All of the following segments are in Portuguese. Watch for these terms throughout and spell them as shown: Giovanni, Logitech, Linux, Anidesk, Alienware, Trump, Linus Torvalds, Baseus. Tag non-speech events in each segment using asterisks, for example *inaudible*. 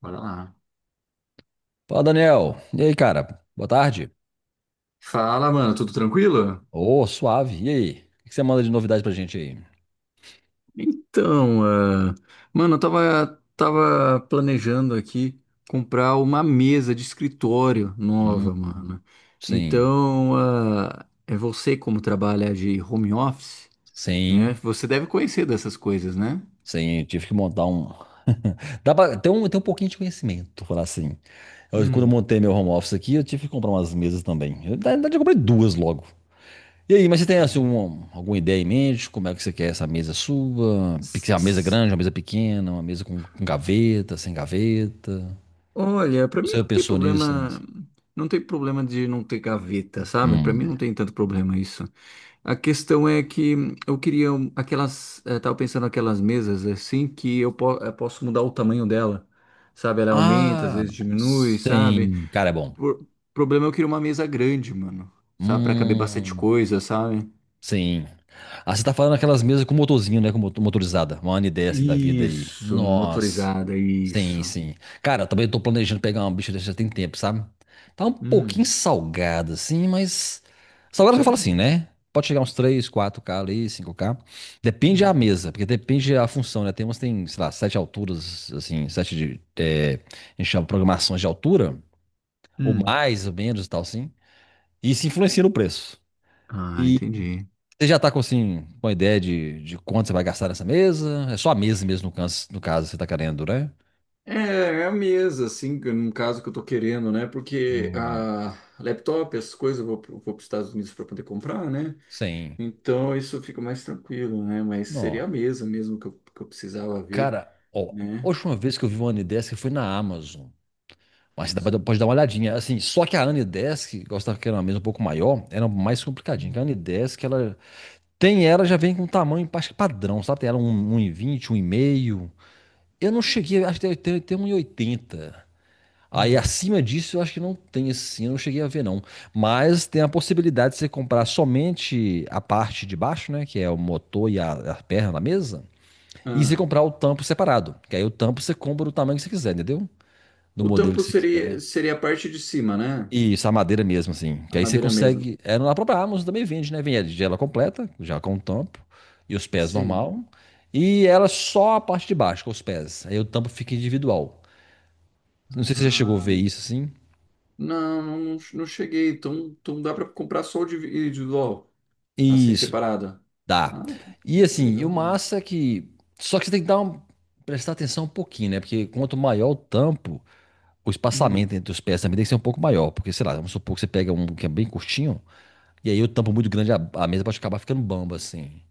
Bora lá. Fala, Daniel. E aí, cara? Boa tarde. Fala, mano, tudo tranquilo? Ô, suave. E aí? O que você manda de novidade pra gente aí? Então, ah, mano, eu tava planejando aqui comprar uma mesa de escritório Hum, nova, mano. sim. É você como trabalha de home office, né? Sim. Você deve conhecer dessas coisas, né? Sim. Tive que montar um. *laughs* Dá pra ter um pouquinho de conhecimento, falar assim. Eu, quando eu Hum. montei meu home office aqui, eu tive que comprar umas mesas também. Eu, na verdade, eu comprei duas logo. E aí, mas você tem assim, alguma ideia em mente? Como é que você quer essa mesa sua? S- Uma mesa s- grande, uma mesa pequena, uma mesa com gaveta, sem gaveta? Olha, pra mim Você não tem pensou nisso ainda? problema, Assim? não tem problema de não ter gaveta, sabe? Pra Hum. mim não tem tanto problema isso. A questão é que eu queria aquelas, tava pensando aquelas mesas assim que eu, posso mudar o tamanho dela, sabe? Ela aumenta, às Ah, vezes diminui, sabe? sim. Cara, é bom. O problema é eu queria uma mesa grande, mano, sabe? Pra caber bastante Hum, coisa, sabe? sim. Ah, você tá falando aquelas mesas com motorzinho, né? Com motorizada. Uma N10 da vida aí. Isso, Nossa. motorizada, Sim, isso. sim. Cara, eu também tô planejando pegar uma bicha dessa já tem tempo, sabe? Tá um pouquinho Hum, salgada, assim, mas. Salgada que eu falo tá. assim, né? Pode chegar uns três, quatro k ali, cinco k. Depende da mesa, porque depende da função, né? Tem umas que tem, sei lá, sete alturas, assim, sete de. É, a gente chama programações de altura, ou Hum. mais ou menos e tal, assim. E isso influencia no preço. Ah, E entendi. você já tá com, assim, com a ideia de quanto você vai gastar nessa mesa? É só a mesa mesmo, no caso, no caso você tá querendo, né? É, é a mesa, assim, no caso que eu tô querendo, né? Porque Hum, a laptop, essas coisas, eu vou, vou para os Estados Unidos para poder comprar, né? sim. Então isso fica mais tranquilo, né? Mas Não. seria a mesa mesmo que eu precisava ver, Cara, ó, a né? última vez que eu vi uma Anidesk foi na Amazon. Mas você dá Mas pra- um- pode dar uma olhadinha. Assim, só que a Anidesk, gostava que era uma mesa um pouco maior, era mais complicadinha. Hum, Que a Anidesk, ela tem ela, já vem com um tamanho acho que padrão, sabe? Tem ela um- 1,20, 1,5. Eu não cheguei, acho que tem 1,80. Aí hum. acima disso eu acho que não tem assim, eu não cheguei a ver não. Mas tem a possibilidade de você comprar somente a parte de baixo, né? Que é o motor e a perna da mesa. E você Ah, comprar o tampo separado. Que aí o tampo você compra do tamanho que você quiser, entendeu? Do o modelo que tampo você seria, quiser. seria a parte de cima, né? Isso, a madeira mesmo, assim. A Que aí você madeira mesmo. consegue. É, na própria Amazon também vende, né? Vende ela completa, já com o tampo. E os pés Sim. normal. E ela só a parte de baixo, com os pés. Aí o tampo fica individual. Não sei se você já chegou a Ah, ver isso assim. não, não, não cheguei. Então, então dá para comprar só o individual, assim, Isso. separado. Dá. Ah, E que assim, e o legal. massa é que. Só que você tem que dar um... prestar atenção um pouquinho, né? Porque quanto maior o tampo, o espaçamento Hum, entre os pés também tem que ser um pouco maior. Porque, sei lá, vamos supor que você pega um que é bem curtinho, e aí o tampo muito grande, a mesa pode acabar ficando bamba, assim.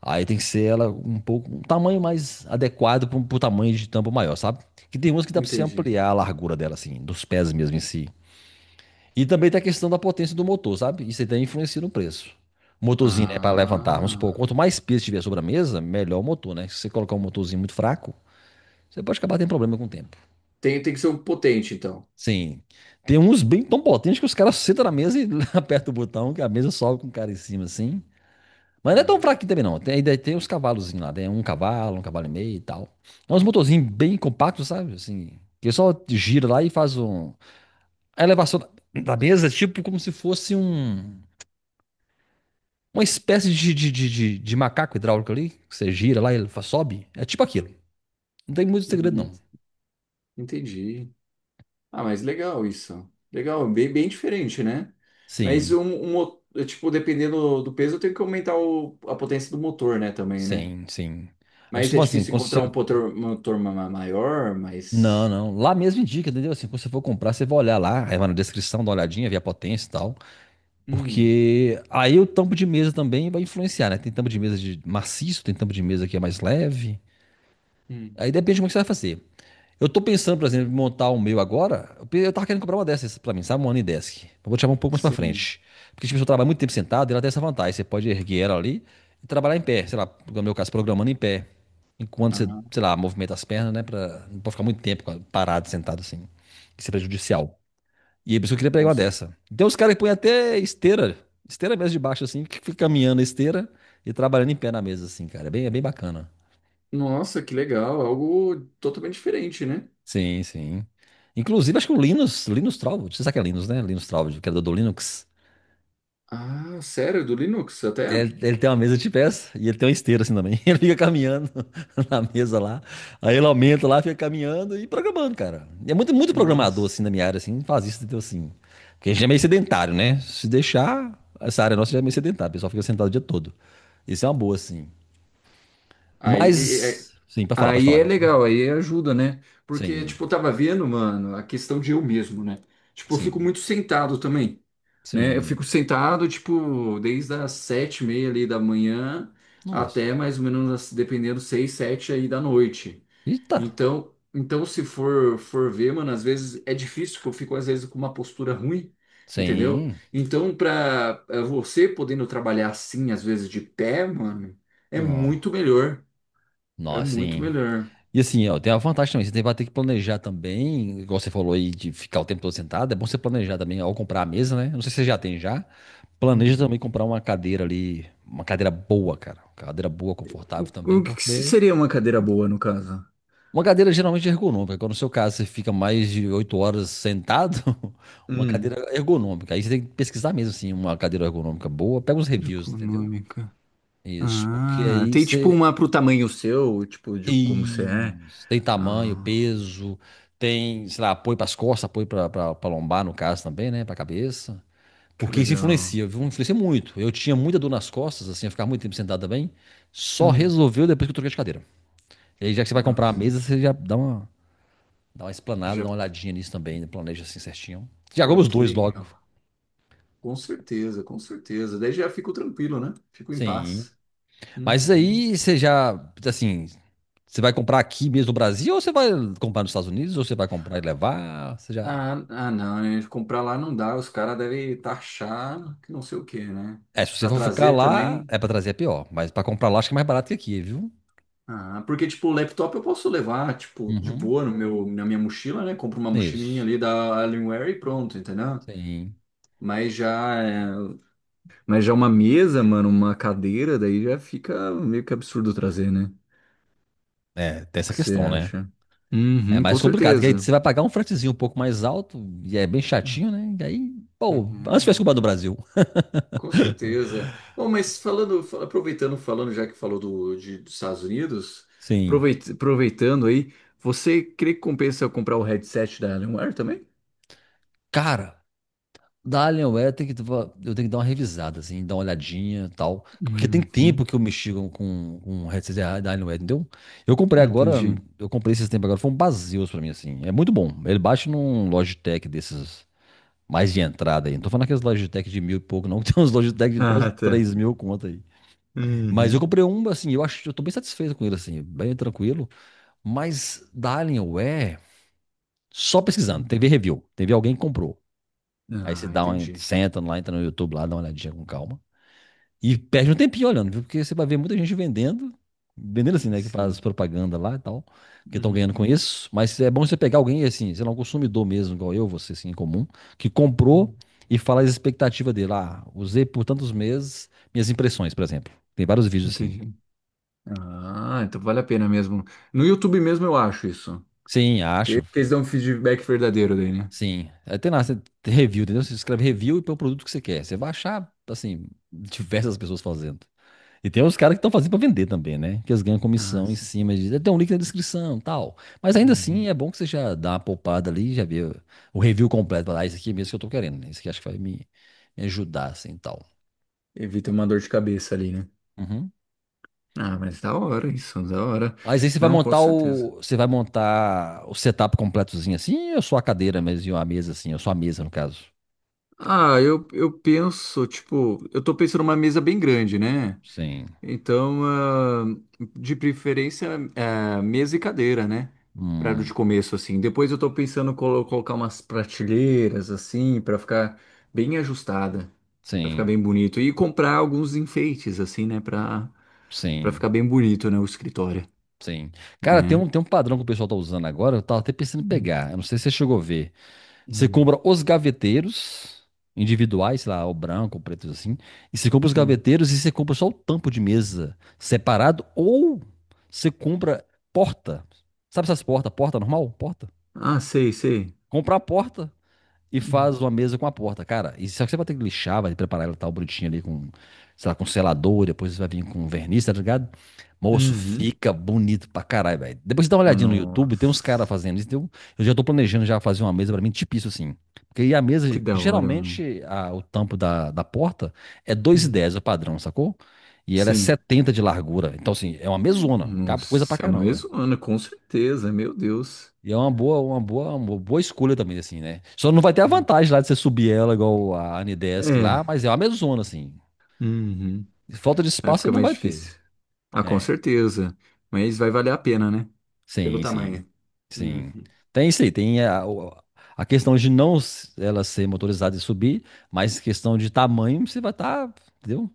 Aí tem que ser ela um pouco, um tamanho mais adequado para o tamanho de tampo maior, sabe? Que tem umas que dá pra você entendi. ampliar a largura dela, assim, dos pés mesmo em si. E também tem a questão da potência do motor, sabe? Isso aí também influencia no preço. O motorzinho, né, para levantar, vamos supor, Ah, quanto mais peso tiver sobre a mesa, melhor o motor, né? Se você colocar um motorzinho muito fraco, você pode acabar tendo problema com o tempo. tem, tem que ser um potente, então. Sim. Tem uns bem tão potentes que os caras sentam na mesa e *laughs* apertam o botão, que a mesa sobe com o cara em cima, assim. Mas não é tão Ah, fraquinho também, não. Tem, ainda tem uns cavalozinhos lá, tem um cavalo e meio e tal. É uns motorzinhos bem compactos, sabe? Assim, que só gira lá e faz um... A elevação da da mesa é tipo como se fosse um uma espécie de macaco hidráulico ali, que você gira lá e ele fa- sobe. É tipo aquilo. Não tem muito segredo, não. ent- entendi. Ah, mas legal isso. Legal, bem, bem diferente, né? Mas Sim. um, tipo, dependendo do peso, eu tenho que aumentar a potência do motor, né, também, né? Sim, sim. Aí você Mas é fala assim, difícil quando você... encontrar um motor, maior, Não, mas não. Lá mesmo indica, entendeu? Assim, quando você for comprar, você vai olhar lá, aí vai na descrição, dá uma olhadinha, vê a potência e tal. hum, Porque aí o tampo de mesa também vai influenciar, né? Tem tampo de mesa de maciço, tem tampo de mesa que é mais leve. hum, Aí depende de como é que você vai fazer. Eu tô pensando, por exemplo, em montar o meu agora. Eu pe- eu tava querendo comprar uma dessas pra mim, sabe? Uma Anidesk. Eu vou te chamar um pouco mais pra sim. frente. Porque, tipo, se eu trabalho muito tempo sentado, ela tem essa vantagem. Você pode erguer ela ali e trabalhar em pé. Sei lá, no meu caso, programando em pé. Enquanto você, Ah, sei lá, movimenta as pernas, né? Pra... Não pode ficar muito tempo parado, sentado assim. Isso é prejudicial. E aí, por isso que eu queria pegar uma posso. dessa. Tem uns caras que põem até esteira. Esteira mesmo de baixo, assim, que fica caminhando a esteira e trabalhando em pé na mesa, assim, cara. É bem bacana. Nossa, que legal, algo totalmente diferente, né? Sim, sim. Inclusive, acho que o Linus, Linus Torvalds, você sabe que é Linus, né? Linus Torvalds, o criador do Linux. Ah, sério, do Linux até? Ele tem uma mesa de pés e ele tem uma esteira assim também. *laughs* Ele fica caminhando *laughs* na mesa lá. Aí ele aumenta lá, fica caminhando e programando, cara. E é muito, muito programador Nossa. assim na minha área, assim, faz isso, entendeu? Assim. Porque a gente é meio sedentário, né? Se deixar, essa área nossa já é meio sedentária, o pessoal fica sentado o dia todo. Isso é uma boa, assim. Aí Mas, sim, pra falar, pode Aí falar. é legal, aí ajuda, né? Porque, Sim, tipo, eu tava vendo, mano, a questão de eu mesmo, né? Tipo, eu fico sim, muito sentado também, né? Eu sim. fico sentado, tipo, desde as sete e meia ali da manhã Nossa. até mais ou menos, dependendo, seis, sete aí da noite. Eita. Então, então se for, for ver, mano, às vezes é difícil, porque eu fico, às vezes, com uma postura ruim, entendeu? Sim. Então, pra você podendo trabalhar assim, às vezes, de pé, mano, é Não, muito melhor. não, É muito assim. melhor. E assim, ó, tem a vantagem também. Você tem- vai ter que planejar também, igual você falou aí, de ficar o tempo todo sentado. É bom você planejar também ao comprar a mesa, né? Não sei se você já tem já. Planeja também comprar uma cadeira ali, uma cadeira boa, cara. Uma cadeira boa, confortável também, O que que porque seria uma cadeira boa, no caso? uma cadeira geralmente é ergonômica. Quando no seu caso você fica mais de 8 horas sentado, *laughs* uma cadeira Hum, ergonômica. Aí você tem que pesquisar mesmo, assim, uma cadeira ergonômica boa. Pega uns reviews, entendeu? econômica. Isso, porque Ah, aí tem tipo você uma pro tamanho seu, tipo, de como você é. Isso. Tem tamanho, Ah, peso, tem, sei lá, apoio para as costas, apoio para a lombar, no caso também, né? Para a cabeça. que Porque isso legal. influencia, viu? Influencia muito. Eu tinha muita dor nas costas, assim, eu ficava muito tempo sentado também. Só Hum, resolveu depois que eu troquei de cadeira. E aí, já que você vai comprar a nossa. mesa, você já dá uma explanada, Já, dá uma olhadinha nisso também, né? Planeja assim certinho. Já compra oh, os que dois logo. legal. Com certeza, com certeza. Daí já fico tranquilo, né? Fico em Sim. paz. Mas isso Uhum. aí você já, assim, você vai comprar aqui mesmo no Brasil, ou você vai comprar nos Estados Unidos, ou você vai comprar e levar? Você já. Ah, ah, não, né? Comprar lá não dá. Os caras devem taxar que não sei o quê, né? É, se você Pra for ficar trazer lá, também. é pra trazer é pior. Mas pra comprar lá, acho que é mais barato que aqui, viu? Ah, porque, tipo, o laptop eu posso levar, tipo, de Uhum. boa no meu, na minha mochila, né? Compro uma mochilinha Isso. ali da Alienware e pronto, entendeu? Sim. Mas já, é, mas já uma mesa, mano, uma cadeira, daí já fica meio que absurdo trazer, né? O É, tem essa que você questão, né? acha? É Uhum, com mais complicado, que aí certeza. você vai pagar um fretezinho um pouco mais alto, e é bem chatinho, né? E aí, pô, antes tivesse Uhum, comprado no Brasil. com certeza. Bom, mas falando, aproveitando, falando já que falou do, de, dos Estados Unidos, Sim. Aproveitando aí, você crê que compensa eu comprar o headset da Alienware também? Cara, da Alienware tem que, eu tenho que dar uma revisada, assim, dar uma olhadinha e tal. Porque tem Uhum. tempo que eu mexi com um headset da Alienware, entendeu? Eu comprei agora, Entendi. eu comprei esses tempos agora, foi um Baseus pra mim, assim. É muito bom. Ele baixa num Logitech desses. Mais de entrada aí. Não tô falando aqueles Logitech de mil e pouco, não. *laughs* Tem uns Logitech de quase Ah, tá. 3 mil conta aí. Mas eu Uhum. comprei um, assim, eu acho, eu tô bem satisfeito com ele, assim, bem tranquilo. Mas da Alienware, só pesquisando, teve review, teve alguém que comprou. Aí você Ah, dá uma, entendi. senta lá, entra no YouTube lá, dá uma olhadinha com calma. E perde um tempinho olhando, viu? Porque você vai ver muita gente vendendo, vendendo assim, né? Que faz Sim. propaganda lá e tal, que estão ganhando com Uhum. isso. Mas é bom você pegar alguém, assim, sei lá, um consumidor mesmo, igual eu, você, assim, em comum, que comprou e fala as expectativas dele. Ah, usei por tantos meses minhas impressões, por exemplo. Tem vários vídeos assim. Entendi. Ah, então vale a pena mesmo. No YouTube mesmo eu acho isso. Sim, acho. Que eles dão um feedback verdadeiro daí, né? Sim. É, tem lá, você tem review, entendeu? Você escreve review e põe o produto que você quer. Você vai achar, assim, diversas pessoas fazendo. E tem uns caras que estão fazendo pra vender também, né? Que eles ganham Ah, comissão em sim. cima de. "É, tem um link na descrição, tal. Mas ainda assim, Uhum. é bom que você já dá uma poupada ali, já vê o review completo. Fala, ah, isso aqui é mesmo que eu tô querendo, né? Isso aqui acho que vai me ajudar, assim, tal. Evita uma dor de cabeça ali, né? Uhum. Ah, mas da hora isso, da hora. Mas aí você vai Não, com montar certeza. o. Você vai montar o setup completozinho assim, ou só a cadeira mesmo, e uma mesa assim, ou só a mesa, no caso. Ah, eu penso, tipo, eu tô pensando numa mesa bem grande, né? Sim. Então, ah, de preferência, ah, mesa e cadeira, né? Para Hum. de começo, assim. Depois eu tô pensando em colocar umas prateleiras, assim, para ficar bem ajustada, para ficar Sim. bem bonito. E comprar alguns enfeites, assim, né? Para para ficar Sim. bem bonito, né? O escritório, Sim. Cara, né? Tem um padrão que o pessoal tá usando agora, eu tava até pensando em Hum, pegar. Eu não sei se você chegou a ver. Você hum, compra os gaveteiros individuais, sei lá, o branco, o preto assim. E você compra os sim. gaveteiros e você compra só o tampo de mesa separado ou você compra porta. Sabe essas portas? Porta normal? Porta. Ah, sei, sei. Comprar a porta e Hum. faz uma mesa com a porta. Cara, e só que você vai ter que lixar, vai preparar ela tal bonitinha ali com, sei lá, com selador, depois você vai vir com verniz, tá ligado? Moço, Uhum. fica bonito pra caralho, velho. Depois você dá uma Oh, olhadinha no YouTube, tem uns caras nossa, fazendo isso. Então, eu já tô planejando já fazer uma mesa pra mim, tipo isso assim. Porque aí a que mesa, da hora, mano. geralmente, o tampo da porta é Hum. 2,10 o padrão, sacou? E ela é Sim. 70 de largura. Então, assim, é uma mesona. Cabe coisa pra Nossa, é uma caramba. mesona, com certeza, meu Deus. E é uma boa, uma boa, uma boa escolha também, assim, né? Só não vai ter a Hum. vantagem lá de você subir ela igual a Anidesk lá, É, mas é uma mesona, assim. uhum. Falta de Aí espaço você fica não mais vai ter. difícil. Ah, com É, certeza. Mas vai valer a pena, né? Pelo sim, sim, tamanho. sim. Uhum. Tem isso aí, tem a questão de não s- ela ser motorizada e subir, mas questão de tamanho você vai estar, entendeu?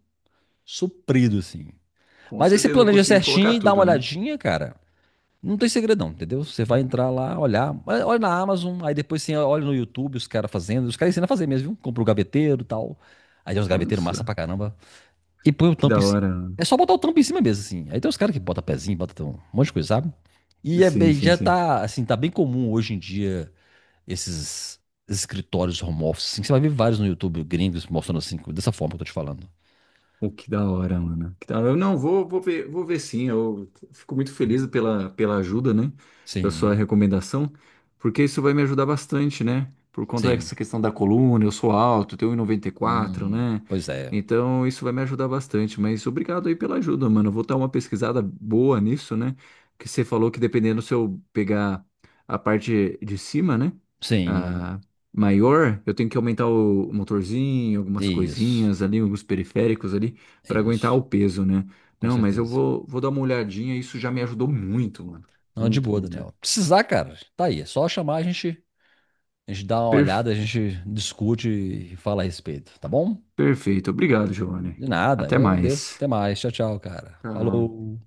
Suprido, assim. Com Mas aí você certeza vou planeja conseguir certinho colocar e dá tudo, uma né? olhadinha, cara. Não tem segredão, entendeu? Você vai entrar lá, olhar, olha na Amazon, aí depois você olha no YouTube os caras fazendo, os caras ensinam a fazer mesmo, viu? Compra o gaveteiro e tal. Aí tem uns gaveteiros Nossa, massa pra caramba. E põe o que tampo em da cima. hora. É só botar o tampo em cima mesmo, assim. Aí tem os caras que botam pezinho, botam um monte de coisa, sabe? E é Sim, bem, sim, já sim. tá, assim, tá bem comum hoje em dia esses escritórios home office, assim, que você vai ver vários no YouTube gringos mostrando assim, dessa forma que eu tô te falando. Pô, que da hora, mano. Que da hora. Eu não vou, vou ver sim. Eu fico muito feliz pela, pela ajuda, né? Pela sua Sim, recomendação, porque isso vai me ajudar bastante, né? Por conta sim. dessa questão da coluna, eu sou alto, tenho 1,94, né? Pois é. Então isso vai me ajudar bastante. Mas obrigado aí pela ajuda, mano. Eu vou dar uma pesquisada boa nisso, né? Que você falou que dependendo se eu pegar a parte de cima, né? Sim, Ah, maior, eu tenho que aumentar o motorzinho, algumas isso, coisinhas ali, alguns periféricos ali, para aguentar isso. o peso, né? Com Não, mas eu certeza. vou, vou dar uma olhadinha, isso já me ajudou muito, mano. Não, de Muito, boa, muito. Daniel. Precisar, cara, tá aí. É só chamar, a gente dá uma Per- olhada, a gente discute e fala a respeito, tá bom? perfeito. Obrigado, Giovanni. De nada, Até eu agradeço. mais. Até mais. Tchau, tchau, cara. Tchau. Falou.